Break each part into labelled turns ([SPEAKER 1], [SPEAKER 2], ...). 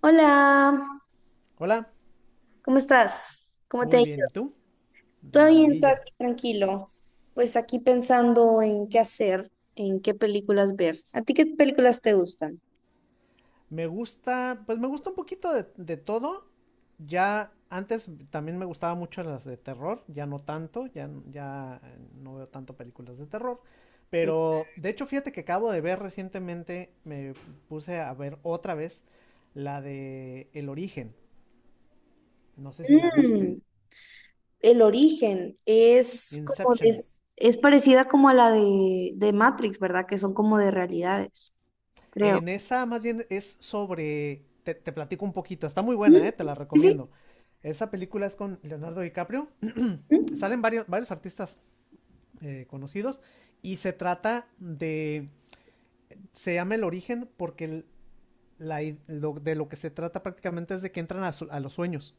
[SPEAKER 1] Hola,
[SPEAKER 2] Hola,
[SPEAKER 1] ¿cómo estás? ¿Cómo te ha
[SPEAKER 2] muy
[SPEAKER 1] ido?
[SPEAKER 2] bien, ¿y tú? De
[SPEAKER 1] Todo bien, todo
[SPEAKER 2] maravilla.
[SPEAKER 1] aquí tranquilo. Pues aquí pensando en qué hacer, en qué películas ver. ¿A ti qué películas te gustan?
[SPEAKER 2] Me gusta, pues me gusta un poquito de todo. Ya antes también me gustaba mucho las de terror, ya no tanto, ya, no veo tanto películas de terror. Pero de hecho, fíjate que acabo de ver recientemente, me puse a ver otra vez la de El Origen. No sé si la viste.
[SPEAKER 1] Mm, El Origen
[SPEAKER 2] Inception.
[SPEAKER 1] es parecida como a la de Matrix, ¿verdad? Que son como de realidades, creo.
[SPEAKER 2] En esa más bien es sobre, te platico un poquito, está muy buena,
[SPEAKER 1] Mm.
[SPEAKER 2] ¿eh? Te la
[SPEAKER 1] Sí, sí.
[SPEAKER 2] recomiendo. Esa película es con Leonardo DiCaprio,
[SPEAKER 1] Mm.
[SPEAKER 2] salen varios, varios artistas conocidos y se llama El Origen porque de lo que se trata prácticamente es de que entran a los sueños.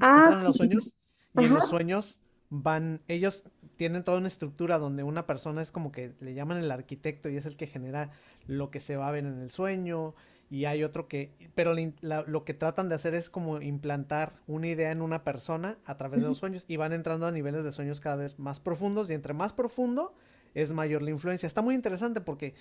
[SPEAKER 1] Ah,
[SPEAKER 2] Entran a los
[SPEAKER 1] sí.
[SPEAKER 2] sueños y en
[SPEAKER 1] Ajá.
[SPEAKER 2] los sueños van, ellos tienen toda una estructura donde una persona es como que le llaman el arquitecto y es el que genera lo que se va a ver en el sueño y hay otro que, pero lo que tratan de hacer es como implantar una idea en una persona a través de
[SPEAKER 1] Ujú,
[SPEAKER 2] los sueños y van entrando a niveles de sueños cada vez más profundos y entre más profundo es mayor la influencia. Está muy interesante porque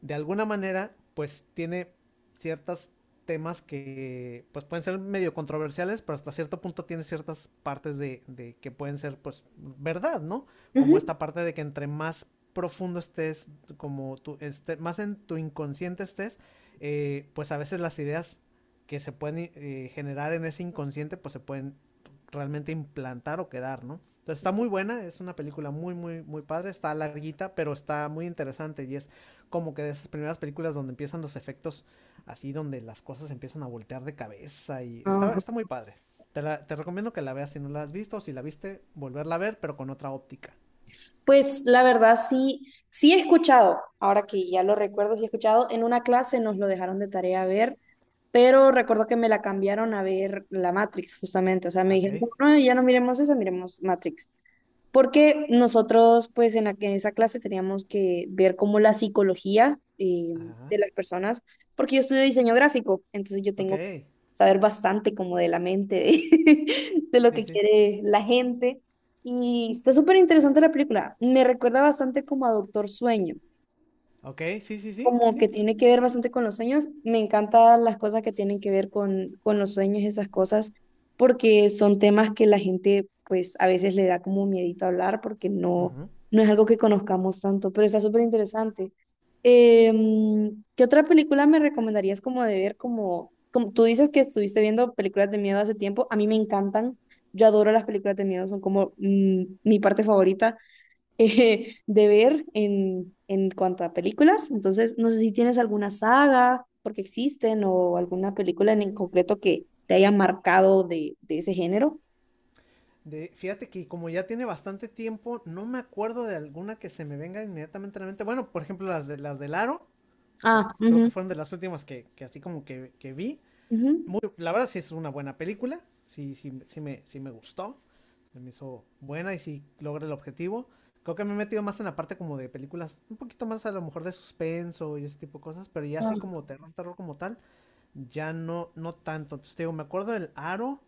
[SPEAKER 2] de alguna manera pues tiene ciertas temas que pues pueden ser medio controversiales, pero hasta cierto punto tiene ciertas partes de, que pueden ser pues verdad, ¿no? Como
[SPEAKER 1] ujú.
[SPEAKER 2] esta parte de que entre más profundo estés, como tú, más en tu inconsciente estés, pues a veces las ideas que se pueden generar en ese inconsciente pues se pueden realmente implantar o quedar, ¿no? Entonces está muy buena, es una película muy, muy, muy padre, está larguita, pero está muy interesante y es como que de esas primeras películas donde empiezan los efectos así donde las cosas empiezan a voltear de cabeza y está,
[SPEAKER 1] Ajá.
[SPEAKER 2] está muy padre. Te recomiendo que la veas si no la has visto, o si la viste, volverla a ver, pero con otra óptica.
[SPEAKER 1] Pues la verdad sí, sí he escuchado, ahora que ya lo recuerdo, sí he escuchado, en una clase nos lo dejaron de tarea a ver, pero recuerdo que me la cambiaron a ver la Matrix justamente, o sea, me
[SPEAKER 2] Ah, Ok.
[SPEAKER 1] dijeron, no, ya no miremos esa, miremos Matrix porque nosotros pues en esa clase teníamos que ver como la psicología
[SPEAKER 2] Ajá.
[SPEAKER 1] de las personas, porque yo estudio diseño gráfico, entonces yo tengo que
[SPEAKER 2] Ok.
[SPEAKER 1] saber bastante como de la mente, de, de lo
[SPEAKER 2] Sí,
[SPEAKER 1] que
[SPEAKER 2] sí.
[SPEAKER 1] quiere la gente. Y está súper interesante la película, me recuerda bastante como a Doctor Sueño
[SPEAKER 2] Ok, sí, sí, sí,
[SPEAKER 1] como que
[SPEAKER 2] sí.
[SPEAKER 1] tiene que ver bastante con los sueños. Me encantan las cosas que tienen que ver con los sueños, esas cosas, porque son temas que la gente pues a veces le da como miedito hablar porque no,
[SPEAKER 2] Ujú.
[SPEAKER 1] no es algo que conozcamos tanto, pero está súper interesante. ¿Qué otra película me recomendarías como de ver? Como tú dices que estuviste viendo películas de miedo hace tiempo, a mí me encantan. Yo adoro las películas de miedo, son como mi parte favorita de ver en cuanto a películas. Entonces, no sé si tienes alguna saga, porque existen, o alguna película en concreto que te haya marcado de ese género.
[SPEAKER 2] Fíjate que como ya tiene bastante tiempo, no me acuerdo de alguna que se me venga inmediatamente a la mente. Bueno, por ejemplo, las de las del Aro,
[SPEAKER 1] Ah,
[SPEAKER 2] creo que
[SPEAKER 1] ujú,
[SPEAKER 2] fueron de las últimas que así como que vi.
[SPEAKER 1] ujú.
[SPEAKER 2] La verdad sí es una buena película, sí, sí, sí, sí me gustó, me hizo buena y sí logra el objetivo. Creo que me he metido más en la parte como de películas, un poquito más a lo mejor de suspenso y ese tipo de cosas, pero ya así
[SPEAKER 1] Ah,
[SPEAKER 2] como terror, terror como tal, ya no, no tanto. Entonces, te digo, me acuerdo del Aro.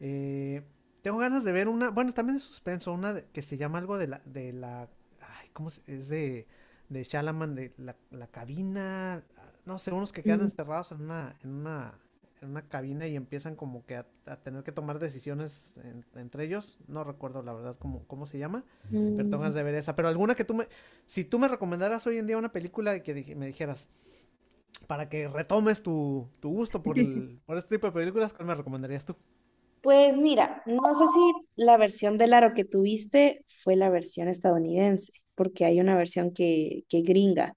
[SPEAKER 2] eh, tengo ganas de ver una, bueno, también es suspenso, que se llama algo de la, ay, es de Shalaman, de la cabina, ah, no sé, unos que quedan
[SPEAKER 1] Mm,
[SPEAKER 2] encerrados en una, en una cabina y empiezan como que a tener que tomar decisiones entre ellos. No recuerdo la verdad cómo se llama, pero tengo
[SPEAKER 1] mm.
[SPEAKER 2] ganas de ver esa. Pero alguna, si tú me recomendaras hoy en día una película que me dijeras, para que retomes tu gusto por, el- por este tipo de películas, ¿cuál me recomendarías tú?
[SPEAKER 1] Pues mira, no sé si la versión del aro que tuviste fue la versión estadounidense, porque hay una versión que gringa.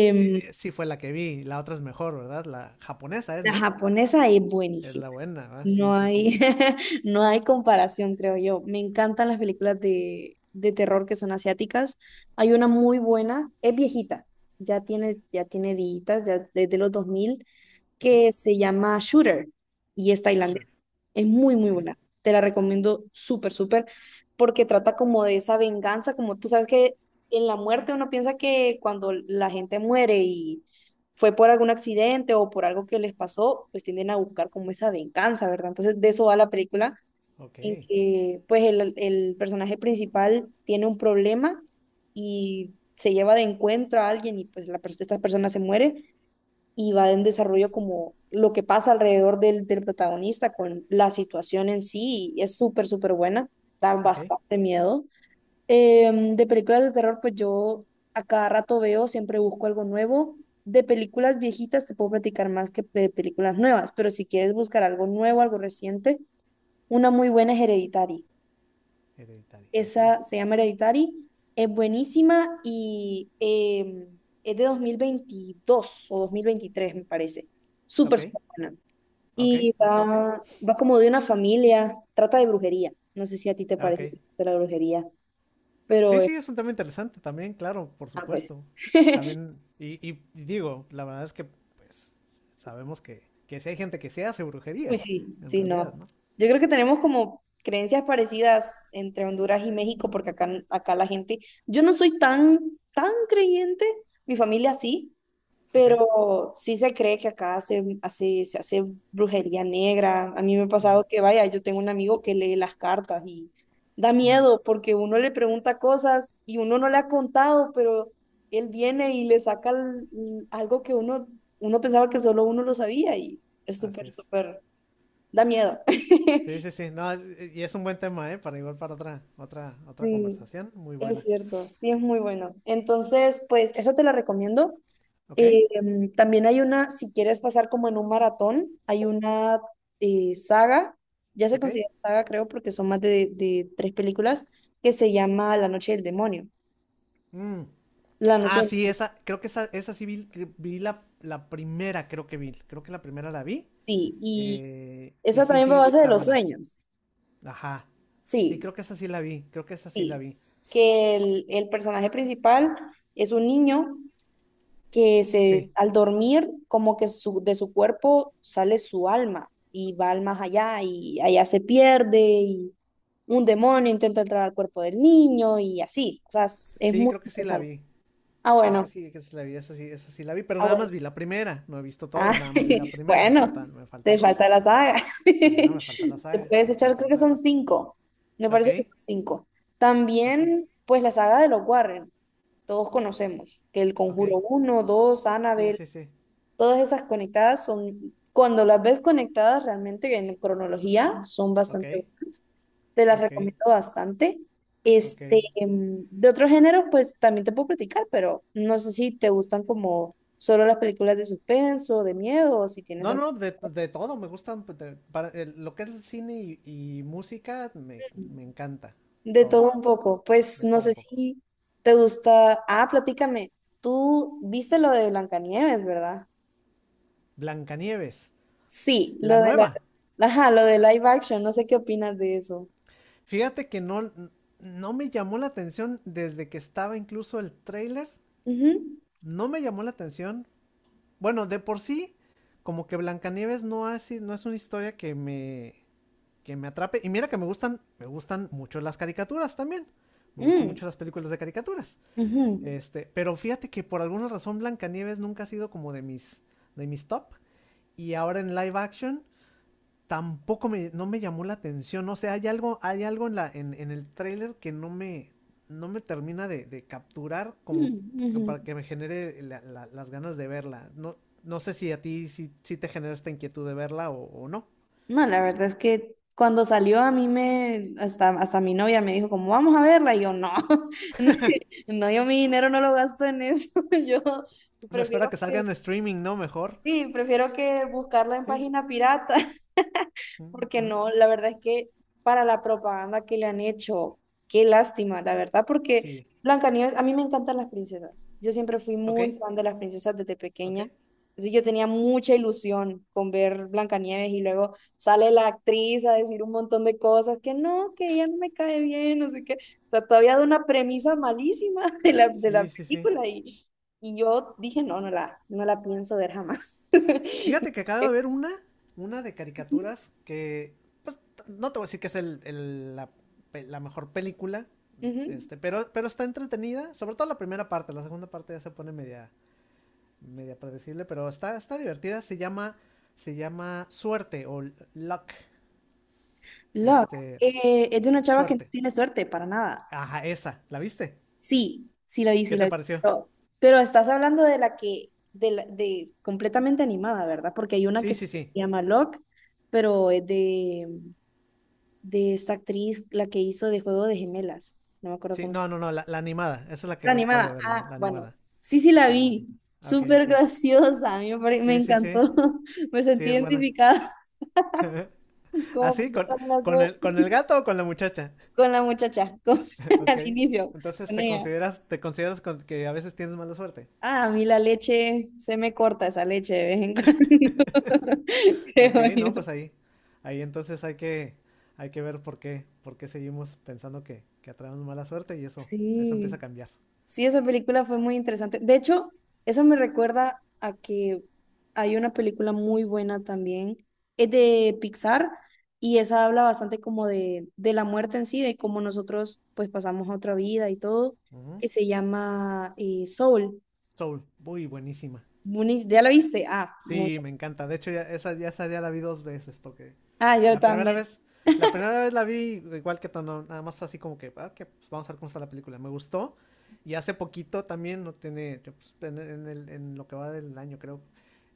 [SPEAKER 2] Sí, sí fue la que vi, la otra es mejor, ¿verdad? La japonesa es,
[SPEAKER 1] la
[SPEAKER 2] ¿no?
[SPEAKER 1] japonesa es
[SPEAKER 2] Es
[SPEAKER 1] buenísima.
[SPEAKER 2] la buena, ¿verdad?
[SPEAKER 1] No
[SPEAKER 2] Sí, sí, sí.
[SPEAKER 1] hay, no hay comparación, creo yo. Me encantan las películas de terror que son asiáticas. Hay una muy buena, es viejita, ya tiene días, ya desde los 2000,
[SPEAKER 2] Ok.
[SPEAKER 1] que se llama Shooter y es
[SPEAKER 2] Shooter.
[SPEAKER 1] tailandesa. Es muy, muy
[SPEAKER 2] Ok.
[SPEAKER 1] buena. Te la recomiendo súper, súper, porque trata como de esa venganza, como tú sabes que en la muerte uno piensa que cuando la gente muere y fue por algún accidente o por algo que les pasó, pues tienden a buscar como esa venganza, ¿verdad? Entonces de eso va la película,
[SPEAKER 2] Ok.
[SPEAKER 1] en que pues el personaje principal tiene un problema y se lleva de encuentro a alguien y pues esta persona se muere y va en desarrollo como lo que pasa alrededor del protagonista con la situación en sí y es súper, súper buena, da
[SPEAKER 2] Ok.
[SPEAKER 1] bastante miedo. De películas de terror, pues yo a cada rato veo, siempre busco algo nuevo. De películas viejitas te puedo platicar más que de películas nuevas, pero si quieres buscar algo nuevo, algo reciente, una muy buena es Hereditary.
[SPEAKER 2] Hereditario. Ok.
[SPEAKER 1] Esa se llama Hereditary, es buenísima y es de 2022 o 2023, me parece.
[SPEAKER 2] Ok.
[SPEAKER 1] Súper, súper buena.
[SPEAKER 2] Ok.
[SPEAKER 1] Y
[SPEAKER 2] Ok. Ok.
[SPEAKER 1] va como de una familia, trata de brujería. No sé si a ti te
[SPEAKER 2] Ok.
[SPEAKER 1] parece que trata de la brujería, pero
[SPEAKER 2] Sí, sí, es un tema interesante también, claro, por
[SPEAKER 1] ah, pues.
[SPEAKER 2] supuesto. También, y digo, la verdad es que, pues, sabemos que sí hay gente que se hace
[SPEAKER 1] Uy,
[SPEAKER 2] brujería,
[SPEAKER 1] sí,
[SPEAKER 2] en
[SPEAKER 1] sí,
[SPEAKER 2] realidad,
[SPEAKER 1] no.
[SPEAKER 2] ¿no?
[SPEAKER 1] Yo creo que tenemos como creencias parecidas entre Honduras y México, porque acá la gente, yo no soy tan, tan creyente, mi familia sí,
[SPEAKER 2] Ok.
[SPEAKER 1] pero sí se cree que acá se hace brujería negra. A mí me ha
[SPEAKER 2] Ujú.
[SPEAKER 1] pasado que, vaya, yo tengo un amigo que lee las cartas y da
[SPEAKER 2] Mm.
[SPEAKER 1] miedo porque uno le pregunta cosas y uno no le ha contado, pero él viene y le saca algo que uno pensaba que solo uno lo sabía y es
[SPEAKER 2] Así
[SPEAKER 1] súper,
[SPEAKER 2] es.
[SPEAKER 1] súper, da miedo.
[SPEAKER 2] Sí, sí, sí. No, y es un buen tema, ¿eh? Para igual para otra
[SPEAKER 1] Sí,
[SPEAKER 2] conversación. Muy
[SPEAKER 1] es
[SPEAKER 2] buena.
[SPEAKER 1] cierto, sí es muy bueno. Entonces, pues, eso te la recomiendo.
[SPEAKER 2] ¿Ok?
[SPEAKER 1] También hay una, si quieres pasar como en un maratón, hay
[SPEAKER 2] O-
[SPEAKER 1] una saga, ya se
[SPEAKER 2] ¿Ok?
[SPEAKER 1] considera saga creo porque son más de tres películas, que se llama La Noche del Demonio.
[SPEAKER 2] Mm.
[SPEAKER 1] La Noche
[SPEAKER 2] Ah,
[SPEAKER 1] del
[SPEAKER 2] sí,
[SPEAKER 1] Demonio,
[SPEAKER 2] esa, creo que esa sí vi, vi la primera, creo que vi. Creo que la primera la vi.
[SPEAKER 1] sí. Y
[SPEAKER 2] Y
[SPEAKER 1] esa
[SPEAKER 2] sí,
[SPEAKER 1] también va a
[SPEAKER 2] sí, sí
[SPEAKER 1] base de
[SPEAKER 2] está
[SPEAKER 1] los
[SPEAKER 2] buena.
[SPEAKER 1] sueños,
[SPEAKER 2] Ajá. Sí,
[SPEAKER 1] sí,
[SPEAKER 2] creo que esa sí la vi. Creo que esa sí la
[SPEAKER 1] sí.
[SPEAKER 2] vi.
[SPEAKER 1] Que el personaje principal es un niño que
[SPEAKER 2] Sí,
[SPEAKER 1] al dormir como que de su cuerpo sale su alma y va al más allá y allá se pierde, un demonio intenta entrar al cuerpo del niño y así. O sea, es
[SPEAKER 2] sí,
[SPEAKER 1] muy
[SPEAKER 2] creo que sí la
[SPEAKER 1] interesante.
[SPEAKER 2] vi.
[SPEAKER 1] Ah,
[SPEAKER 2] Creo
[SPEAKER 1] bueno.
[SPEAKER 2] que sí la vi. Esa sí la vi. Pero
[SPEAKER 1] Ah,
[SPEAKER 2] nada
[SPEAKER 1] bueno.
[SPEAKER 2] más vi la primera. No he visto
[SPEAKER 1] Ah,
[SPEAKER 2] todas, nada más vi la primera. Me
[SPEAKER 1] bueno,
[SPEAKER 2] falta, me falta el
[SPEAKER 1] te falta
[SPEAKER 2] resto.
[SPEAKER 1] la saga.
[SPEAKER 2] Ajá, me falta la
[SPEAKER 1] Te
[SPEAKER 2] saga.
[SPEAKER 1] puedes
[SPEAKER 2] Me
[SPEAKER 1] echar,
[SPEAKER 2] falta
[SPEAKER 1] creo
[SPEAKER 2] la
[SPEAKER 1] que
[SPEAKER 2] saga.
[SPEAKER 1] son cinco. Me
[SPEAKER 2] Ok,
[SPEAKER 1] parece que son cinco.
[SPEAKER 2] ok,
[SPEAKER 1] También, pues la saga de los Warren, todos conocemos que El
[SPEAKER 2] ok.
[SPEAKER 1] Conjuro uno, 2,
[SPEAKER 2] Sí,
[SPEAKER 1] Annabelle.
[SPEAKER 2] sí, sí.
[SPEAKER 1] Todas esas conectadas son, cuando las ves conectadas realmente en cronología, son
[SPEAKER 2] Ok,
[SPEAKER 1] bastante buenas. Te las
[SPEAKER 2] ok,
[SPEAKER 1] recomiendo bastante.
[SPEAKER 2] ok.
[SPEAKER 1] Este, de otros géneros, pues también te puedo platicar, pero no sé si te gustan como solo las películas de suspenso, de miedo, o si tienes
[SPEAKER 2] No,
[SPEAKER 1] algo
[SPEAKER 2] no, de todo, me gustan. Pues, lo que es el cine y música, me encanta.
[SPEAKER 1] de
[SPEAKER 2] Todo,
[SPEAKER 1] todo un poco. Pues
[SPEAKER 2] de
[SPEAKER 1] no
[SPEAKER 2] todo un
[SPEAKER 1] sé
[SPEAKER 2] poco.
[SPEAKER 1] si te gusta. Ah, platícame. Tú viste lo de Blancanieves, ¿verdad?
[SPEAKER 2] Blancanieves,
[SPEAKER 1] Sí,
[SPEAKER 2] la nueva.
[SPEAKER 1] ajá, lo de live action, no sé qué opinas de eso.
[SPEAKER 2] Fíjate que no, no me llamó la atención desde que estaba incluso el tráiler.
[SPEAKER 1] Ujú.
[SPEAKER 2] No me llamó la atención. Bueno, de por sí, como que Blancanieves no, no es una historia que me atrape. Y mira que me gustan mucho las caricaturas también. Me gustan
[SPEAKER 1] Mm,
[SPEAKER 2] mucho las películas de caricaturas.
[SPEAKER 1] ujú,
[SPEAKER 2] Pero fíjate que por alguna razón Blancanieves nunca ha sido como de mis, top. Y ahora en live action tampoco no me llamó la atención. O sea, hay algo en el tráiler que no me, no me termina de capturar como
[SPEAKER 1] mm, ujú.
[SPEAKER 2] para que me genere las ganas de verla. No, no sé si a ti si, si te genera esta inquietud de verla o no.
[SPEAKER 1] No, la verdad es que cuando salió a mí hasta mi novia me dijo como, vamos a verla, y yo no, no, yo mi dinero no lo gasto en eso, yo
[SPEAKER 2] Me espera
[SPEAKER 1] prefiero
[SPEAKER 2] que salga
[SPEAKER 1] que,
[SPEAKER 2] en streaming, ¿no? Mejor.
[SPEAKER 1] sí, prefiero que buscarla en
[SPEAKER 2] Sí.
[SPEAKER 1] página pirata.
[SPEAKER 2] Mm, mm,
[SPEAKER 1] Porque
[SPEAKER 2] mm.
[SPEAKER 1] no, la verdad es que para la propaganda que le han hecho, qué lástima, la verdad, porque
[SPEAKER 2] Sí,
[SPEAKER 1] Blancanieves, a mí me encantan las princesas. Yo siempre fui
[SPEAKER 2] ok,
[SPEAKER 1] muy fan de las princesas desde
[SPEAKER 2] ok.
[SPEAKER 1] pequeña. Así yo tenía mucha ilusión con ver Blancanieves y luego sale la actriz a decir un montón de cosas que no, que ella no me cae bien, no sé qué. O sea, todavía de una premisa malísima de la
[SPEAKER 2] Sí, sí, sí.
[SPEAKER 1] película y yo dije, no, no la pienso ver jamás.
[SPEAKER 2] Fíjate que acabo de ver una de caricaturas que, pues, no te voy a decir que es la mejor película,
[SPEAKER 1] Ujú.
[SPEAKER 2] pero está entretenida, sobre todo la primera parte, la segunda parte ya se pone media predecible, pero está divertida, se llama Suerte o Luck,
[SPEAKER 1] Lock,
[SPEAKER 2] este,
[SPEAKER 1] es de una chava que no
[SPEAKER 2] Suerte.
[SPEAKER 1] tiene suerte para nada.
[SPEAKER 2] Ajá, esa, ¿la viste?
[SPEAKER 1] Sí, sí la vi, sí
[SPEAKER 2] ¿Qué
[SPEAKER 1] la
[SPEAKER 2] te
[SPEAKER 1] vi.
[SPEAKER 2] pareció?
[SPEAKER 1] Pero, pero estás hablando de la que, de, la- de completamente animada, ¿verdad? Porque hay una que
[SPEAKER 2] Sí,
[SPEAKER 1] se
[SPEAKER 2] sí, sí.
[SPEAKER 1] llama Lock, pero es de esta actriz, la que hizo de Juego de Gemelas. No me acuerdo
[SPEAKER 2] Sí,
[SPEAKER 1] cómo.
[SPEAKER 2] no, no, no, la animada, esa es la que
[SPEAKER 1] La
[SPEAKER 2] acabo de
[SPEAKER 1] animada.
[SPEAKER 2] ver yo,
[SPEAKER 1] Ah,
[SPEAKER 2] la
[SPEAKER 1] bueno.
[SPEAKER 2] animada.
[SPEAKER 1] Sí, sí la
[SPEAKER 2] Con la
[SPEAKER 1] vi.
[SPEAKER 2] gatita. Ah, Ok,
[SPEAKER 1] Súper
[SPEAKER 2] ok.
[SPEAKER 1] graciosa. A mí me
[SPEAKER 2] Sí, sí, sí.
[SPEAKER 1] encantó. Me
[SPEAKER 2] Sí,
[SPEAKER 1] sentí
[SPEAKER 2] es buena.
[SPEAKER 1] identificada como
[SPEAKER 2] ¿Así? ¿Con,
[SPEAKER 1] con la,
[SPEAKER 2] con, el, ¿Con el gato o con la muchacha?
[SPEAKER 1] con la muchacha, con,
[SPEAKER 2] ok.
[SPEAKER 1] al inicio,
[SPEAKER 2] Entonces
[SPEAKER 1] con
[SPEAKER 2] te
[SPEAKER 1] ella.
[SPEAKER 2] consideras, te consideras con- que a veces tienes mala suerte.
[SPEAKER 1] Ah, a mí la leche, se me corta esa leche de vez en cuando,
[SPEAKER 2] Ok,
[SPEAKER 1] creo yo.
[SPEAKER 2] no, pues ahí. Ahí entonces hay que, ver por qué seguimos pensando que atraemos mala suerte y eso empieza a
[SPEAKER 1] Sí,
[SPEAKER 2] cambiar.
[SPEAKER 1] sí, esa película fue muy interesante. De hecho, eso me recuerda a que hay una película muy buena también, es de Pixar y esa habla bastante como de la muerte en sí, de cómo nosotros pues pasamos a otra vida y todo,
[SPEAKER 2] Ujú.
[SPEAKER 1] que se llama Soul.
[SPEAKER 2] Soul, muy buenísima.
[SPEAKER 1] ¿Ya la viste? Ah, muy.
[SPEAKER 2] Sí, me encanta. De hecho, esa ya la vi dos veces porque
[SPEAKER 1] Ah, yo
[SPEAKER 2] la primera
[SPEAKER 1] también.
[SPEAKER 2] vez, la primera vez la vi igual que Tono, nada más así como que, ah, que pues, vamos a ver cómo está la película. Me gustó. Y hace poquito también, no tiene, que, pues, en lo que va del año creo,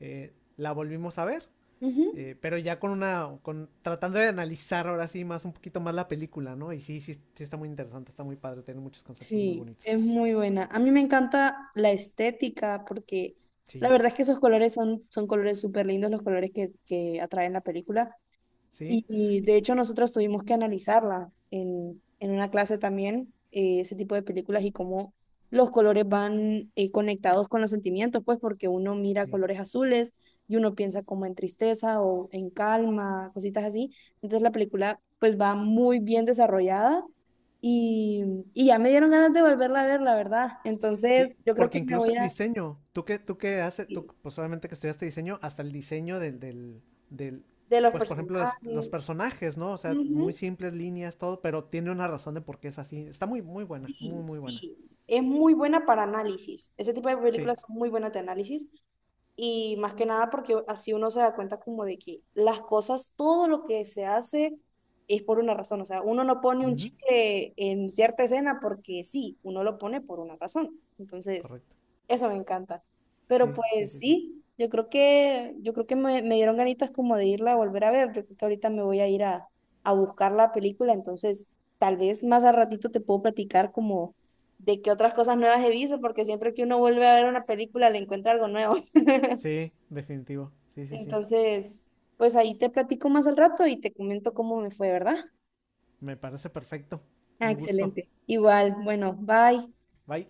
[SPEAKER 2] la volvimos a ver.
[SPEAKER 1] Ujú.
[SPEAKER 2] Pero ya tratando de analizar ahora sí más, un poquito más la película, ¿no? Y sí, sí, sí está muy interesante, está muy padre, tiene muchos conceptos muy
[SPEAKER 1] Sí, es
[SPEAKER 2] bonitos.
[SPEAKER 1] muy buena. A mí me encanta la estética porque la
[SPEAKER 2] Sí,
[SPEAKER 1] verdad es que esos colores son colores súper lindos, los colores que atraen la película. Y,
[SPEAKER 2] sí,
[SPEAKER 1] y, de hecho nosotros tuvimos que analizarla en una clase también, ese tipo de películas y cómo los colores van conectados con los sentimientos, pues porque uno mira
[SPEAKER 2] sí.
[SPEAKER 1] colores azules y uno piensa como en tristeza o en calma, cositas así. Entonces la película pues va muy bien desarrollada y, y ya me dieron ganas de volverla a ver, la verdad. Entonces
[SPEAKER 2] Sí,
[SPEAKER 1] yo creo
[SPEAKER 2] porque
[SPEAKER 1] que me
[SPEAKER 2] incluso
[SPEAKER 1] voy
[SPEAKER 2] el
[SPEAKER 1] a...
[SPEAKER 2] diseño, tú que haces, tú pues obviamente que estudiaste diseño, hasta el diseño del
[SPEAKER 1] De los
[SPEAKER 2] pues por ejemplo los
[SPEAKER 1] personajes.
[SPEAKER 2] personajes, ¿no? O sea, muy
[SPEAKER 1] Ujú.
[SPEAKER 2] simples líneas, todo, pero tiene una razón de por qué es así. Está muy, muy buena, muy,
[SPEAKER 1] Sí,
[SPEAKER 2] muy buena.
[SPEAKER 1] sí. Es muy buena para análisis. Ese tipo de
[SPEAKER 2] Sí,
[SPEAKER 1] películas son muy buenas de análisis. Y más que nada porque así uno se da cuenta como de que las cosas, todo lo que se hace es por una razón. O sea, uno no pone un
[SPEAKER 2] ujú,
[SPEAKER 1] chicle en cierta escena porque sí, uno lo pone por una razón. Entonces,
[SPEAKER 2] correcto.
[SPEAKER 1] eso me encanta. Pero
[SPEAKER 2] Sí, sí,
[SPEAKER 1] pues
[SPEAKER 2] sí, sí.
[SPEAKER 1] sí, yo creo que me dieron ganitas como de irla a volver a ver. Yo creo que ahorita me voy a ir a buscar la película, entonces tal vez más al ratito te puedo platicar como de qué otras cosas nuevas he visto, porque siempre que uno vuelve a ver una película le encuentra algo nuevo.
[SPEAKER 2] Sí, definitivo. Sí, sí, sí.
[SPEAKER 1] Entonces, pues ahí te platico más al rato y te comento cómo me fue, ¿verdad?
[SPEAKER 2] Me parece perfecto.
[SPEAKER 1] Ah,
[SPEAKER 2] Un gusto.
[SPEAKER 1] excelente. Igual, bueno, bye.
[SPEAKER 2] Bye.